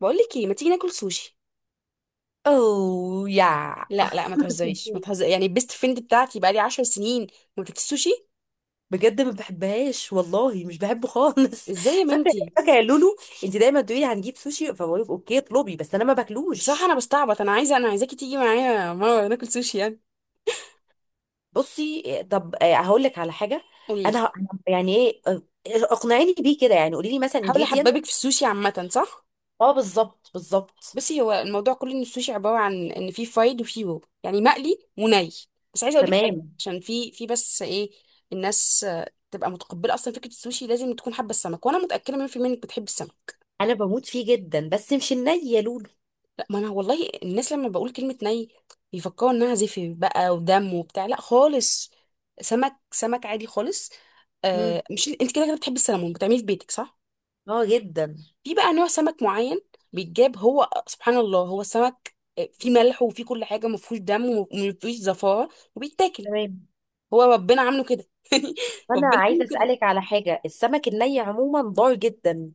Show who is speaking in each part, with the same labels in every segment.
Speaker 1: بقول لك ايه، ما تيجي ناكل سوشي؟
Speaker 2: اوه يا
Speaker 1: لا لا، ما تهزريش ما تهزر، يعني البيست فريند بتاعتي بقالي 10 سنين ما بتاكلش سوشي.
Speaker 2: بجد ما بحبهاش والله مش بحبه خالص
Speaker 1: ازاي يا
Speaker 2: فاكره
Speaker 1: بنتي؟
Speaker 2: فاكره يا لولو. انت دايما تقولي هنجيب سوشي، فبقول لك اوكي اطلبي، بس انا ما
Speaker 1: بصراحه انا
Speaker 2: باكلوش.
Speaker 1: بستعبط، انا عايزاكي تيجي معايا مره ناكل سوشي يعني.
Speaker 2: بصي إيه، طب، هقول لك على حاجه.
Speaker 1: قولي لي.
Speaker 2: انا ه- يعني ايه، اقنعيني بيه كده، يعني قولي لي مثلا
Speaker 1: حاول
Speaker 2: جيديان.
Speaker 1: احببك في السوشي عامه، صح؟
Speaker 2: اه، بالظبط بالظبط.
Speaker 1: بصي، هو الموضوع كله ان السوشي عباره عن ان في فرايد وفي رو، يعني مقلي وني. بس عايزه اقول لك حاجه
Speaker 2: تمام،
Speaker 1: عشان في بس ايه الناس تبقى متقبله اصلا فكره السوشي، لازم تكون حابه السمك، وانا متاكده 100% انك بتحب السمك.
Speaker 2: انا بموت فيه جدا، بس مش الني يا لولو.
Speaker 1: ما انا والله، الناس لما بقول كلمة ني بيفكروا انها زفر بقى ودم وبتاع، لا خالص. سمك سمك عادي خالص.
Speaker 2: مم.
Speaker 1: آه، مش انت كده كده بتحبي السلمون بتعمليه في بيتك، صح؟
Speaker 2: اه، جدا.
Speaker 1: في بقى نوع سمك معين بيتجاب، هو سبحان الله هو السمك فيه ملح وفيه كل حاجة، مفهوش دم ومفيهوش زفارة وبيتاكل.
Speaker 2: تمام،
Speaker 1: هو ربنا عامله كده
Speaker 2: انا
Speaker 1: ربنا
Speaker 2: عايزه
Speaker 1: عامله كده.
Speaker 2: اسالك على حاجه. السمك الني عموما ضار جدا؟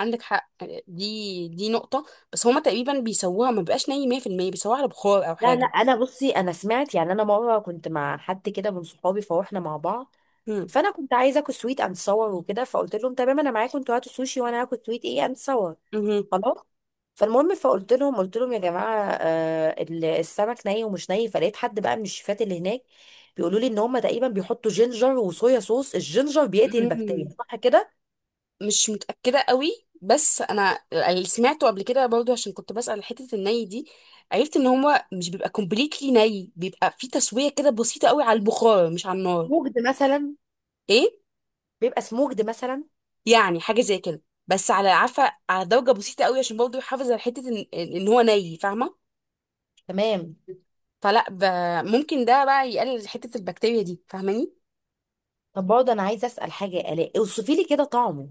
Speaker 1: عندك حق. دي نقطة. بس هما تقريبا بيسووها ما بقاش ني 100%، بيسووها على بخار أو
Speaker 2: لا، لا،
Speaker 1: حاجة.
Speaker 2: انا بصي، انا سمعت، يعني انا مره كنت مع حد كده من صحابي، فروحنا مع بعض.
Speaker 1: مم.
Speaker 2: فانا كنت عايزه اكل سويت اند صور وكده، فقلت لهم تمام انا معاكم، انتوا هاتوا سوشي وانا هاكل سويت ايه اند صور.
Speaker 1: مهم.
Speaker 2: خلاص. فالمهم، فقلت لهم يا جماعه، السمك ني ومش ني. فلقيت حد بقى من الشيفات اللي هناك بيقولوا لي ان هم تقريبا بيحطوا جينجر وصويا صوص، الجينجر بيقتل البكتيريا،
Speaker 1: مم.
Speaker 2: صح كده؟
Speaker 1: مش متأكدة قوي، بس انا اللي سمعته قبل كده برضو عشان كنت بسأل حتة الني دي، عرفت ان هو مش بيبقى كومبليتلي ني، بيبقى في تسوية كده بسيطة قوي على البخار مش على النار.
Speaker 2: موجد مثلا؟
Speaker 1: ايه.
Speaker 2: بيبقى سموجد مثلا.
Speaker 1: يعني حاجة زي كده، بس على عفا على درجة بسيطة قوي عشان برضو يحافظ على حتة إن هو ني، فاهمة؟
Speaker 2: تمام.
Speaker 1: فلا ممكن ده بقى يقلل حتة البكتيريا دي، فاهماني؟
Speaker 2: طب برضه انا عايزه اسال حاجه يا الاء، اوصفي لي كده طعمه.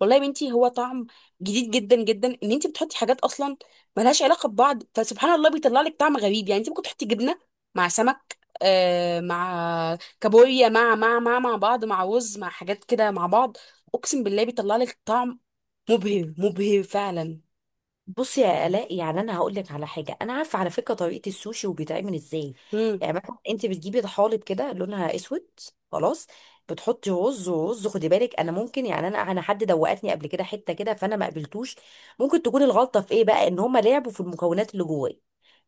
Speaker 1: والله يا بنتي هو طعم جديد جدا جدا، ان انت بتحطي حاجات اصلا ملهاش علاقه ببعض، فسبحان الله بيطلع لك طعم غريب. يعني انت ممكن تحطي جبنه مع سمك، آه، مع كابوريا، مع بعض، مع رز، مع حاجات كده مع بعض. اقسم بالله بيطلع لك طعم مبهر، مبهر فعلا.
Speaker 2: بصي يا آلاء، يعني انا هقول لك على حاجه، انا عارفه على فكره طريقه السوشي وبيتعمل ازاي.
Speaker 1: امم
Speaker 2: يعني مثلا انت بتجيبي طحالب كده لونها اسود. خلاص. بتحطي رز، خدي بالك، انا ممكن، يعني انا حد دوقتني قبل كده حته كده، فانا ما قبلتوش. ممكن تكون الغلطه في ايه بقى؟ ان هم لعبوا في المكونات اللي جواه،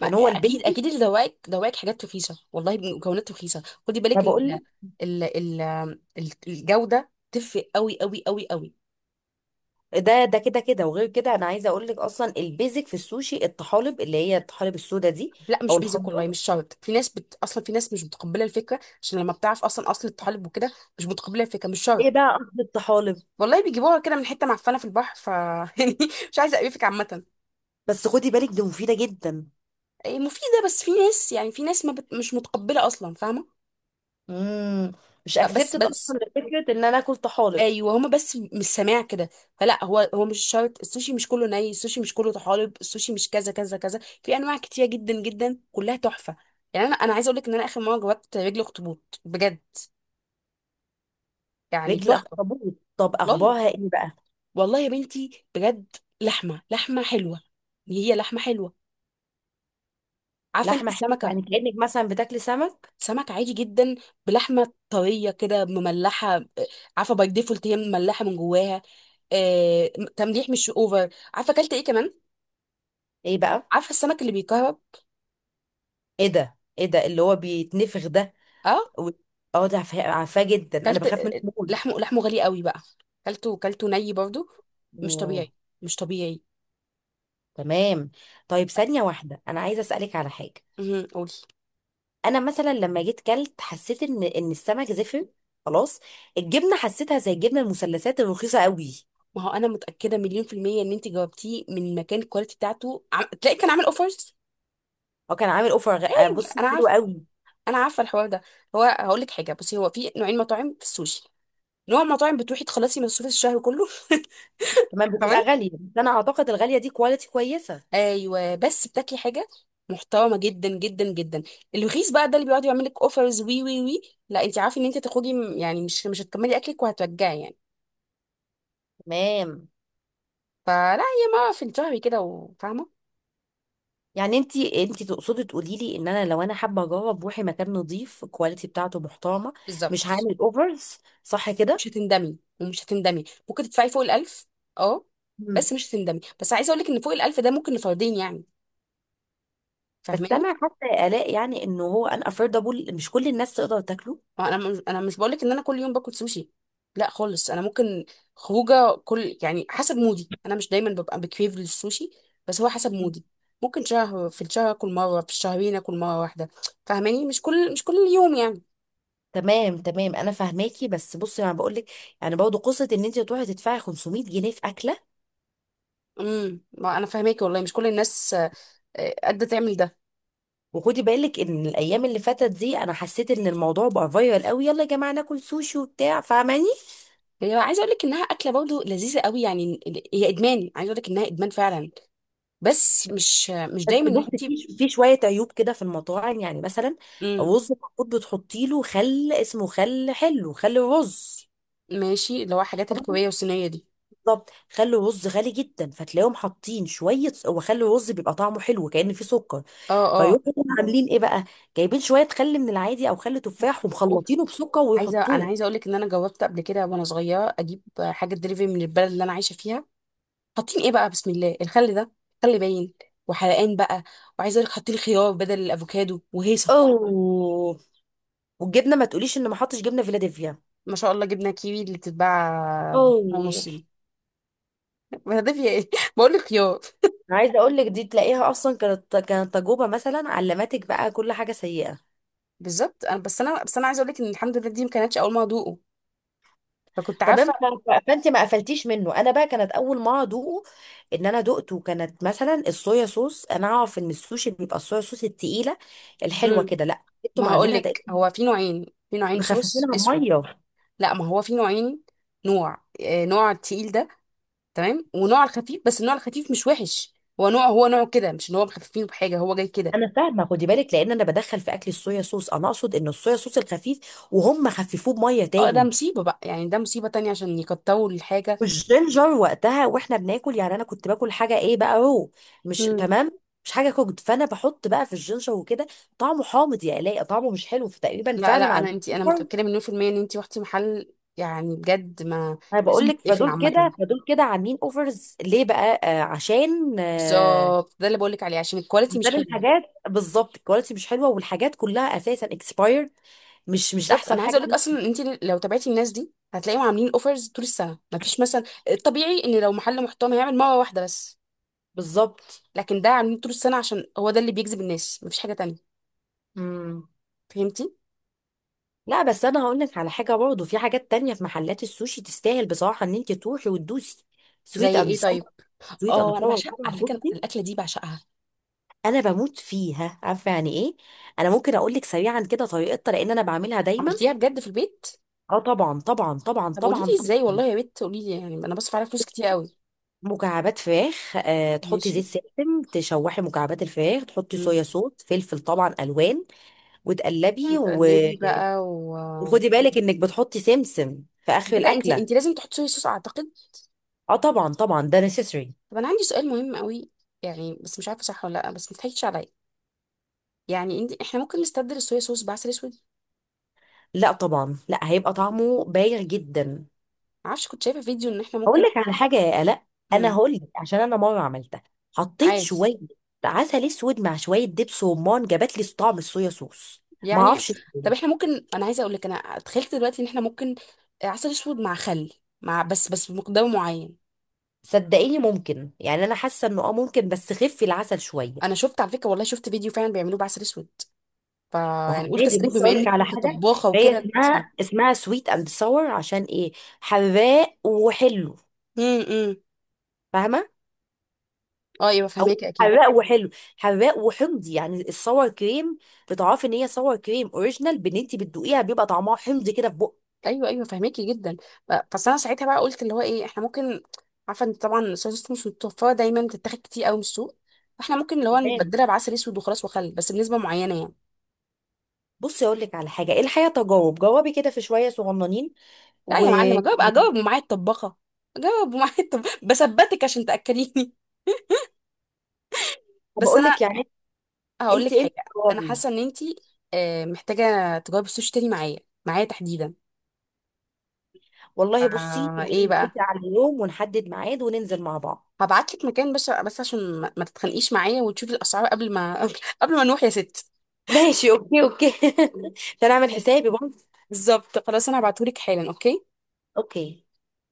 Speaker 2: يعني هو
Speaker 1: اكيد
Speaker 2: البيزك.
Speaker 1: اكيد، اللي دواك دواك حاجات رخيصه، والله مكونات رخيصه. خدي
Speaker 2: ما
Speaker 1: بالك ال
Speaker 2: بقول لك.
Speaker 1: ال ال الجوده تفرق قوي قوي قوي قوي.
Speaker 2: ده كده كده، وغير كده انا عايزه اقول لك اصلا البيزك في السوشي الطحالب، اللي هي الطحالب السودا دي،
Speaker 1: لا،
Speaker 2: او
Speaker 1: مش بيزك والله،
Speaker 2: الخضراء.
Speaker 1: مش شرط. في ناس اصلا في ناس مش متقبله الفكره عشان لما بتعرف اصلا اصل الطالب وكده، مش متقبله الفكره، مش
Speaker 2: ايه
Speaker 1: شرط.
Speaker 2: بقى قصد الطحالب؟
Speaker 1: والله بيجيبوها كده من حته معفنه في البحر ف يعني، مش عايزه اقرفك عامه.
Speaker 2: بس خدي بالك دي مفيده جدا.
Speaker 1: إيه، مفيده، بس في ناس، يعني في ناس ما بت... مش متقبله اصلا، فاهمه؟
Speaker 2: امم. مش
Speaker 1: فبس
Speaker 2: اكسبتد اصلا فكره ان انا اكل طحالب.
Speaker 1: ايوه هما، بس مش سامع كده. فلا هو مش شرط. السوشي مش كله ني، السوشي مش كله طحالب، السوشي مش كذا كذا كذا. في انواع كتيره جدا جدا كلها تحفه. يعني انا عايزه اقول لك ان انا اخر مره جربت رجل اخطبوط بجد، يعني
Speaker 2: رجل
Speaker 1: تحفه.
Speaker 2: اخطبوط؟ طب
Speaker 1: والله،
Speaker 2: اخبارها ايه بقى؟
Speaker 1: والله يا بنتي بجد، لحمه لحمه حلوه، هي لحمه حلوه. عارفه انت
Speaker 2: لحمه حلوه؟
Speaker 1: سمكه؟
Speaker 2: يعني كانك مثلا بتاكلي سمك.
Speaker 1: سمك عادي جدا بلحمه طريه كده، مملحه. عارفه باي ديفولت هي مملحه من جواها. آه، تمليح مش اوفر. عارفه اكلت ايه كمان؟
Speaker 2: ايه بقى؟
Speaker 1: عارفه السمك اللي بيكهرب؟
Speaker 2: ايه ده ايه ده اللي هو بيتنفخ ده؟
Speaker 1: اه،
Speaker 2: و- اه، ده عارفاه عارفاه جدا، انا
Speaker 1: اكلت.
Speaker 2: بخاف منه موت.
Speaker 1: لحمه لحمه غالي قوي بقى. اكلته ني برضو. مش
Speaker 2: اوه.
Speaker 1: طبيعي، مش طبيعي.
Speaker 2: تمام. طيب، ثانيه واحده، انا عايزه اسالك على حاجه.
Speaker 1: امم، قولي.
Speaker 2: انا مثلا لما جيت كلت، حسيت ان السمك زفر. خلاص. الجبنه حسيتها زي الجبنه المثلثات الرخيصه قوي.
Speaker 1: ما هو انا متاكده مليون في الميه ان انت جاوبتيه من مكان الكواليتي بتاعته تلاقي كان عامل اوفرز.
Speaker 2: هو كان عامل اوفر بص
Speaker 1: انا
Speaker 2: حلو
Speaker 1: عارفه،
Speaker 2: قوي.
Speaker 1: انا عارفه الحوار ده. هقول لك حاجه، بصي هو في نوعين مطاعم في السوشي. نوع مطاعم بتروحي تخلصي مصروف الشهر كله
Speaker 2: تمام،
Speaker 1: تمام.
Speaker 2: بتبقى غالية، بس انا اعتقد الغالية دي كواليتي كويسة.
Speaker 1: ايوه، بس بتاكلي حاجه محترمه جدا جدا جدا. الرخيص بقى ده اللي بيقعد يعمل لك اوفرز وي وي وي. لا انت عارفه ان انت تخرجي يعني مش هتكملي اكلك وهترجعي يعني.
Speaker 2: تمام.
Speaker 1: فلا هي ما في الشهر كده، وفاهمه.
Speaker 2: يعني انت تقصدي تقولي لي ان انا لو انا حابة اجرب، روحي مكان نظيف الكواليتي بتاعته محترمة. مش
Speaker 1: بالظبط،
Speaker 2: هعمل اوفرز، صح كده؟
Speaker 1: مش هتندمي ومش هتندمي. ممكن تدفعي فوق الألف. اه،
Speaker 2: مم.
Speaker 1: بس مش هتندمي. بس عايزه اقول لك ان فوق الألف ده ممكن لفردين يعني،
Speaker 2: بس
Speaker 1: فاهماني؟
Speaker 2: انا حاسة يا الاء، يعني انه هو ان افوردبل مش كل الناس تقدر تاكله.
Speaker 1: ما انا مش بقولك ان انا كل يوم باكل سوشي. لا خالص. انا ممكن خروجه كل يعني حسب مودي، انا مش دايما ببقى بكريف للسوشي، بس هو حسب
Speaker 2: مم.
Speaker 1: مودي. ممكن شهر في الشهر اكل مره، في الشهرين اكل مره واحده. فاهماني؟ مش كل يوم يعني.
Speaker 2: تمام، تمام، انا فاهماكي، بس بصي انا بقول لك. يعني برضه قصه ان انت تروحي تدفعي 500 جنيه في اكله.
Speaker 1: ما انا فاهماكي والله. مش كل الناس قادره تعمل ده.
Speaker 2: وخدي بالك ان الايام اللي فاتت دي، انا حسيت ان الموضوع بقى فايرال قوي. يلا يا جماعه ناكل سوشي وبتاع، فاهماني.
Speaker 1: هي عايزه اقول لك انها اكله برضه لذيذه قوي يعني، هي ادمان. عايزه اقول لك انها ادمان فعلا. بس مش مش دايما
Speaker 2: بس
Speaker 1: ان
Speaker 2: بصي،
Speaker 1: انت.
Speaker 2: في شويه عيوب كده في المطاعم، يعني مثلا.
Speaker 1: امم،
Speaker 2: رز المفروض بتحطي له خل، اسمه خل حلو، خل رز.
Speaker 1: ماشي، اللي هو حاجات الكوريه والصينيه دي.
Speaker 2: بالظبط، خل الرز غالي جدا، فتلاقيهم حاطين شويه، وخل الرز بيبقى طعمه حلو كأن فيه سكر.
Speaker 1: اه،
Speaker 2: فيروحوا عاملين ايه بقى؟ جايبين شويه خل من العادي او خل تفاح،
Speaker 1: اه،
Speaker 2: ومخلطينه بسكر
Speaker 1: انا عايزه
Speaker 2: ويحطوه.
Speaker 1: اقول لك ان انا جاوبت قبل كده وانا صغيره اجيب حاجه دليفري من البلد اللي انا عايشه فيها. حاطين ايه بقى بسم الله الخل ده، خل باين وحرقان بقى. وعايزه اقول لك حاطين خيار بدل الافوكادو وهيصه.
Speaker 2: اوه. والجبنه ما تقوليش ان ما حطش جبنه فيلادلفيا.
Speaker 1: ما شاء الله، جبنا كيوي اللي بتتباع
Speaker 2: اوه،
Speaker 1: ونص دي ما ده فيها ايه؟ بقول لك خيار.
Speaker 2: عايزه اقول لك، دي تلاقيها اصلا كانت تجربه مثلا علمتك بقى كل حاجه سيئه.
Speaker 1: بالظبط. انا عايزه اقول لك ان الحمد لله دي ما كانتش اول ما ادوقه فكنت
Speaker 2: تمام،
Speaker 1: عارفه.
Speaker 2: فانت ما قفلتيش منه، انا بقى كانت اول ما ادوقه. ان انا دقته، كانت مثلا الصويا صوص، انا اعرف ان السوشي بيبقى الصويا صوص التقيله الحلوه
Speaker 1: امم
Speaker 2: كده، لا انتوا
Speaker 1: ما هقول
Speaker 2: معاملينها
Speaker 1: لك
Speaker 2: تقريبا
Speaker 1: هو في نوعين، في نوعين صوص
Speaker 2: مخففينها
Speaker 1: اسود.
Speaker 2: بميه.
Speaker 1: لا ما هو في نوعين، نوع نوع التقيل ده. تمام. ونوع الخفيف، بس النوع الخفيف مش وحش، هو نوع، هو نوعه كده، مش ان هو مخففين بحاجه، هو جاي كده.
Speaker 2: انا فاهمه، خدي بالك، لان انا بدخل في اكل الصويا صوص، انا اقصد ان الصويا صوص الخفيف وهم خففوه بميه
Speaker 1: اه، ده
Speaker 2: تاني.
Speaker 1: مصيبه بقى يعني، ده مصيبه تانية عشان يكتروا الحاجه.
Speaker 2: والجينجر وقتها واحنا بناكل، يعني انا كنت باكل حاجه، ايه بقى، رو. مش
Speaker 1: مم.
Speaker 2: تمام. مش حاجه كوكد، فانا بحط بقى في الجينجر وكده. طعمه حامض، يا الاقي طعمه مش حلو، فتقريبا
Speaker 1: لا
Speaker 2: فعلا
Speaker 1: لا، انا
Speaker 2: عندي.
Speaker 1: انا متاكده مليون في الميه ان انتي رحتي محل، يعني بجد ما
Speaker 2: انا بقول
Speaker 1: لازم
Speaker 2: لك،
Speaker 1: تقفل
Speaker 2: فدول
Speaker 1: عامه.
Speaker 2: كده فدول كده عاملين اوفرز ليه بقى؟ عشان.
Speaker 1: بالظبط، ده اللي بقولك عليه عشان الكواليتي مش
Speaker 2: عشان
Speaker 1: حلوه.
Speaker 2: الحاجات بالظبط الكواليتي مش حلوه، والحاجات كلها اساسا اكسباير. مش
Speaker 1: بالظبط،
Speaker 2: احسن
Speaker 1: انا عايزه
Speaker 2: حاجه
Speaker 1: اقولك
Speaker 2: ليك.
Speaker 1: اصلا ان انتي لو تابعتي الناس دي هتلاقيهم عاملين اوفرز طول السنه. ما فيش مثلا، الطبيعي ان لو محل محترم هيعمل مره واحده بس،
Speaker 2: بالظبط.
Speaker 1: لكن ده عاملين طول السنه عشان هو ده اللي بيجذب الناس، ما فيش حاجه تانية.
Speaker 2: امم.
Speaker 1: فهمتي؟
Speaker 2: لا، بس انا هقول لك على حاجه برضه، في حاجات تانية في محلات السوشي تستاهل بصراحه ان انت تروحي وتدوسي. سويت
Speaker 1: زي
Speaker 2: اند
Speaker 1: ايه طيب؟
Speaker 2: صور. سويت اند
Speaker 1: اه، انا
Speaker 2: صور
Speaker 1: بعشق
Speaker 2: طبعا،
Speaker 1: على فكره
Speaker 2: بصي.
Speaker 1: الاكله دي، بعشقها.
Speaker 2: انا بموت فيها، عارفه يعني ايه. انا ممكن اقول لك سريعا كده طريقتها، لان انا بعملها دايما.
Speaker 1: عملتيها بجد في البيت؟
Speaker 2: اه، طبعا طبعا طبعا
Speaker 1: طب قولي
Speaker 2: طبعا
Speaker 1: لي ازاي،
Speaker 2: طبعا.
Speaker 1: والله يا بنت قولي لي، يعني انا بصرف عليها فلوس كتير قوي.
Speaker 2: مكعبات فراخ، تحطي
Speaker 1: ماشي.
Speaker 2: زيت سمسم، تشوحي مكعبات الفراخ، تحطي
Speaker 1: مم.
Speaker 2: صويا صوص، فلفل، طبعا الوان. وتقلبي.
Speaker 1: وتقلبي بقى و...
Speaker 2: وخدي بالك انك بتحطي سمسم في اخر
Speaker 1: الفكره انت،
Speaker 2: الاكله.
Speaker 1: انت لازم تحطي صويا صوص اعتقد.
Speaker 2: اه، طبعا طبعا ده نسيسري.
Speaker 1: طب انا عندي سؤال مهم قوي، يعني بس مش عارفه صح ولا لا، بس ما تضحكيش عليا. يعني انت، احنا ممكن نستبدل الصويا صوص بعسل اسود؟
Speaker 2: لا، طبعا لا، هيبقى طعمه باهر جدا.
Speaker 1: ما اعرفش، كنت شايفه فيديو ان احنا
Speaker 2: هقول
Speaker 1: ممكن.
Speaker 2: لك على حاجه يا الاء. انا
Speaker 1: امم
Speaker 2: هقول لك عشان انا مره عملتها. حطيت
Speaker 1: عادي
Speaker 2: شويه عسل اسود مع شويه دبس رمان، جابت لي طعم الصويا صوص. ما
Speaker 1: يعني.
Speaker 2: اعرفش
Speaker 1: طب
Speaker 2: ليه.
Speaker 1: احنا ممكن، انا عايزه اقول لك انا تخيلت دلوقتي ان احنا ممكن عسل اسود مع خل، مع بس بمقدار معين.
Speaker 2: صدقيني ممكن، يعني انا حاسه انه ممكن، بس خفي العسل
Speaker 1: انا
Speaker 2: شويه.
Speaker 1: شفت على فكره، والله شفت فيديو فعلا بيعملوه بعسل اسود. فيعني قلت
Speaker 2: عادي،
Speaker 1: اسالك
Speaker 2: بص
Speaker 1: بما
Speaker 2: اقول لك
Speaker 1: انك
Speaker 2: على حاجه.
Speaker 1: طباخه
Speaker 2: هي
Speaker 1: وكده.
Speaker 2: اسمها سويت اند ساور عشان ايه؟ حراق وحلو.
Speaker 1: امم.
Speaker 2: فاهمه؟
Speaker 1: اه ايوه،
Speaker 2: او.
Speaker 1: فهماكي اكيد.
Speaker 2: حراق وحلو. حراق وحمضي، يعني الساور كريم. بتعرفي ان هي ساور كريم اوريجينال، بان انت بتدوقيها بيبقى طعمها حمضي كده في بق.
Speaker 1: ايوه ايوه فهماكي جدا. بس انا ساعتها بقى قلت اللي هو ايه، احنا ممكن، عارفه ان طبعا السوسيس مش متوفره دايما، بتتاخد كتير قوي من السوق، فاحنا ممكن اللي هو
Speaker 2: تمام،
Speaker 1: نبدلها بعسل اسود وخلاص وخل، بس بنسبه معينه يعني.
Speaker 2: بصي اقول لك على حاجه، ايه الحقيقه تجارب، جربي كده في شويه صغننين.
Speaker 1: لا يا معلم،
Speaker 2: وبقول
Speaker 1: اجاوب اجاوب ومعايا الطباخه. اجاوب ومعايا الطباخه بثبتك عشان تاكليني بس انا
Speaker 2: لك، يعني
Speaker 1: هقول
Speaker 2: انت
Speaker 1: لك
Speaker 2: انت
Speaker 1: حاجه. انا
Speaker 2: جربي.
Speaker 1: حاسه ان انتي محتاجه تجاوبي السوشي تاني معايا، معايا تحديدا.
Speaker 2: والله بصي،
Speaker 1: آه، ايه
Speaker 2: تعالي
Speaker 1: بقى؟
Speaker 2: نتفق على اليوم ونحدد ميعاد وننزل مع بعض.
Speaker 1: هبعت لك مكان، بس عشان ما تتخانقيش معايا، وتشوفي الاسعار قبل ما قبل ما نروح يا ست.
Speaker 2: ماشي، اوكي، اوكي ده انا اعمل حسابي.
Speaker 1: بالظبط، خلاص، انا هبعتهولك حالا، اوكي.
Speaker 2: اوكي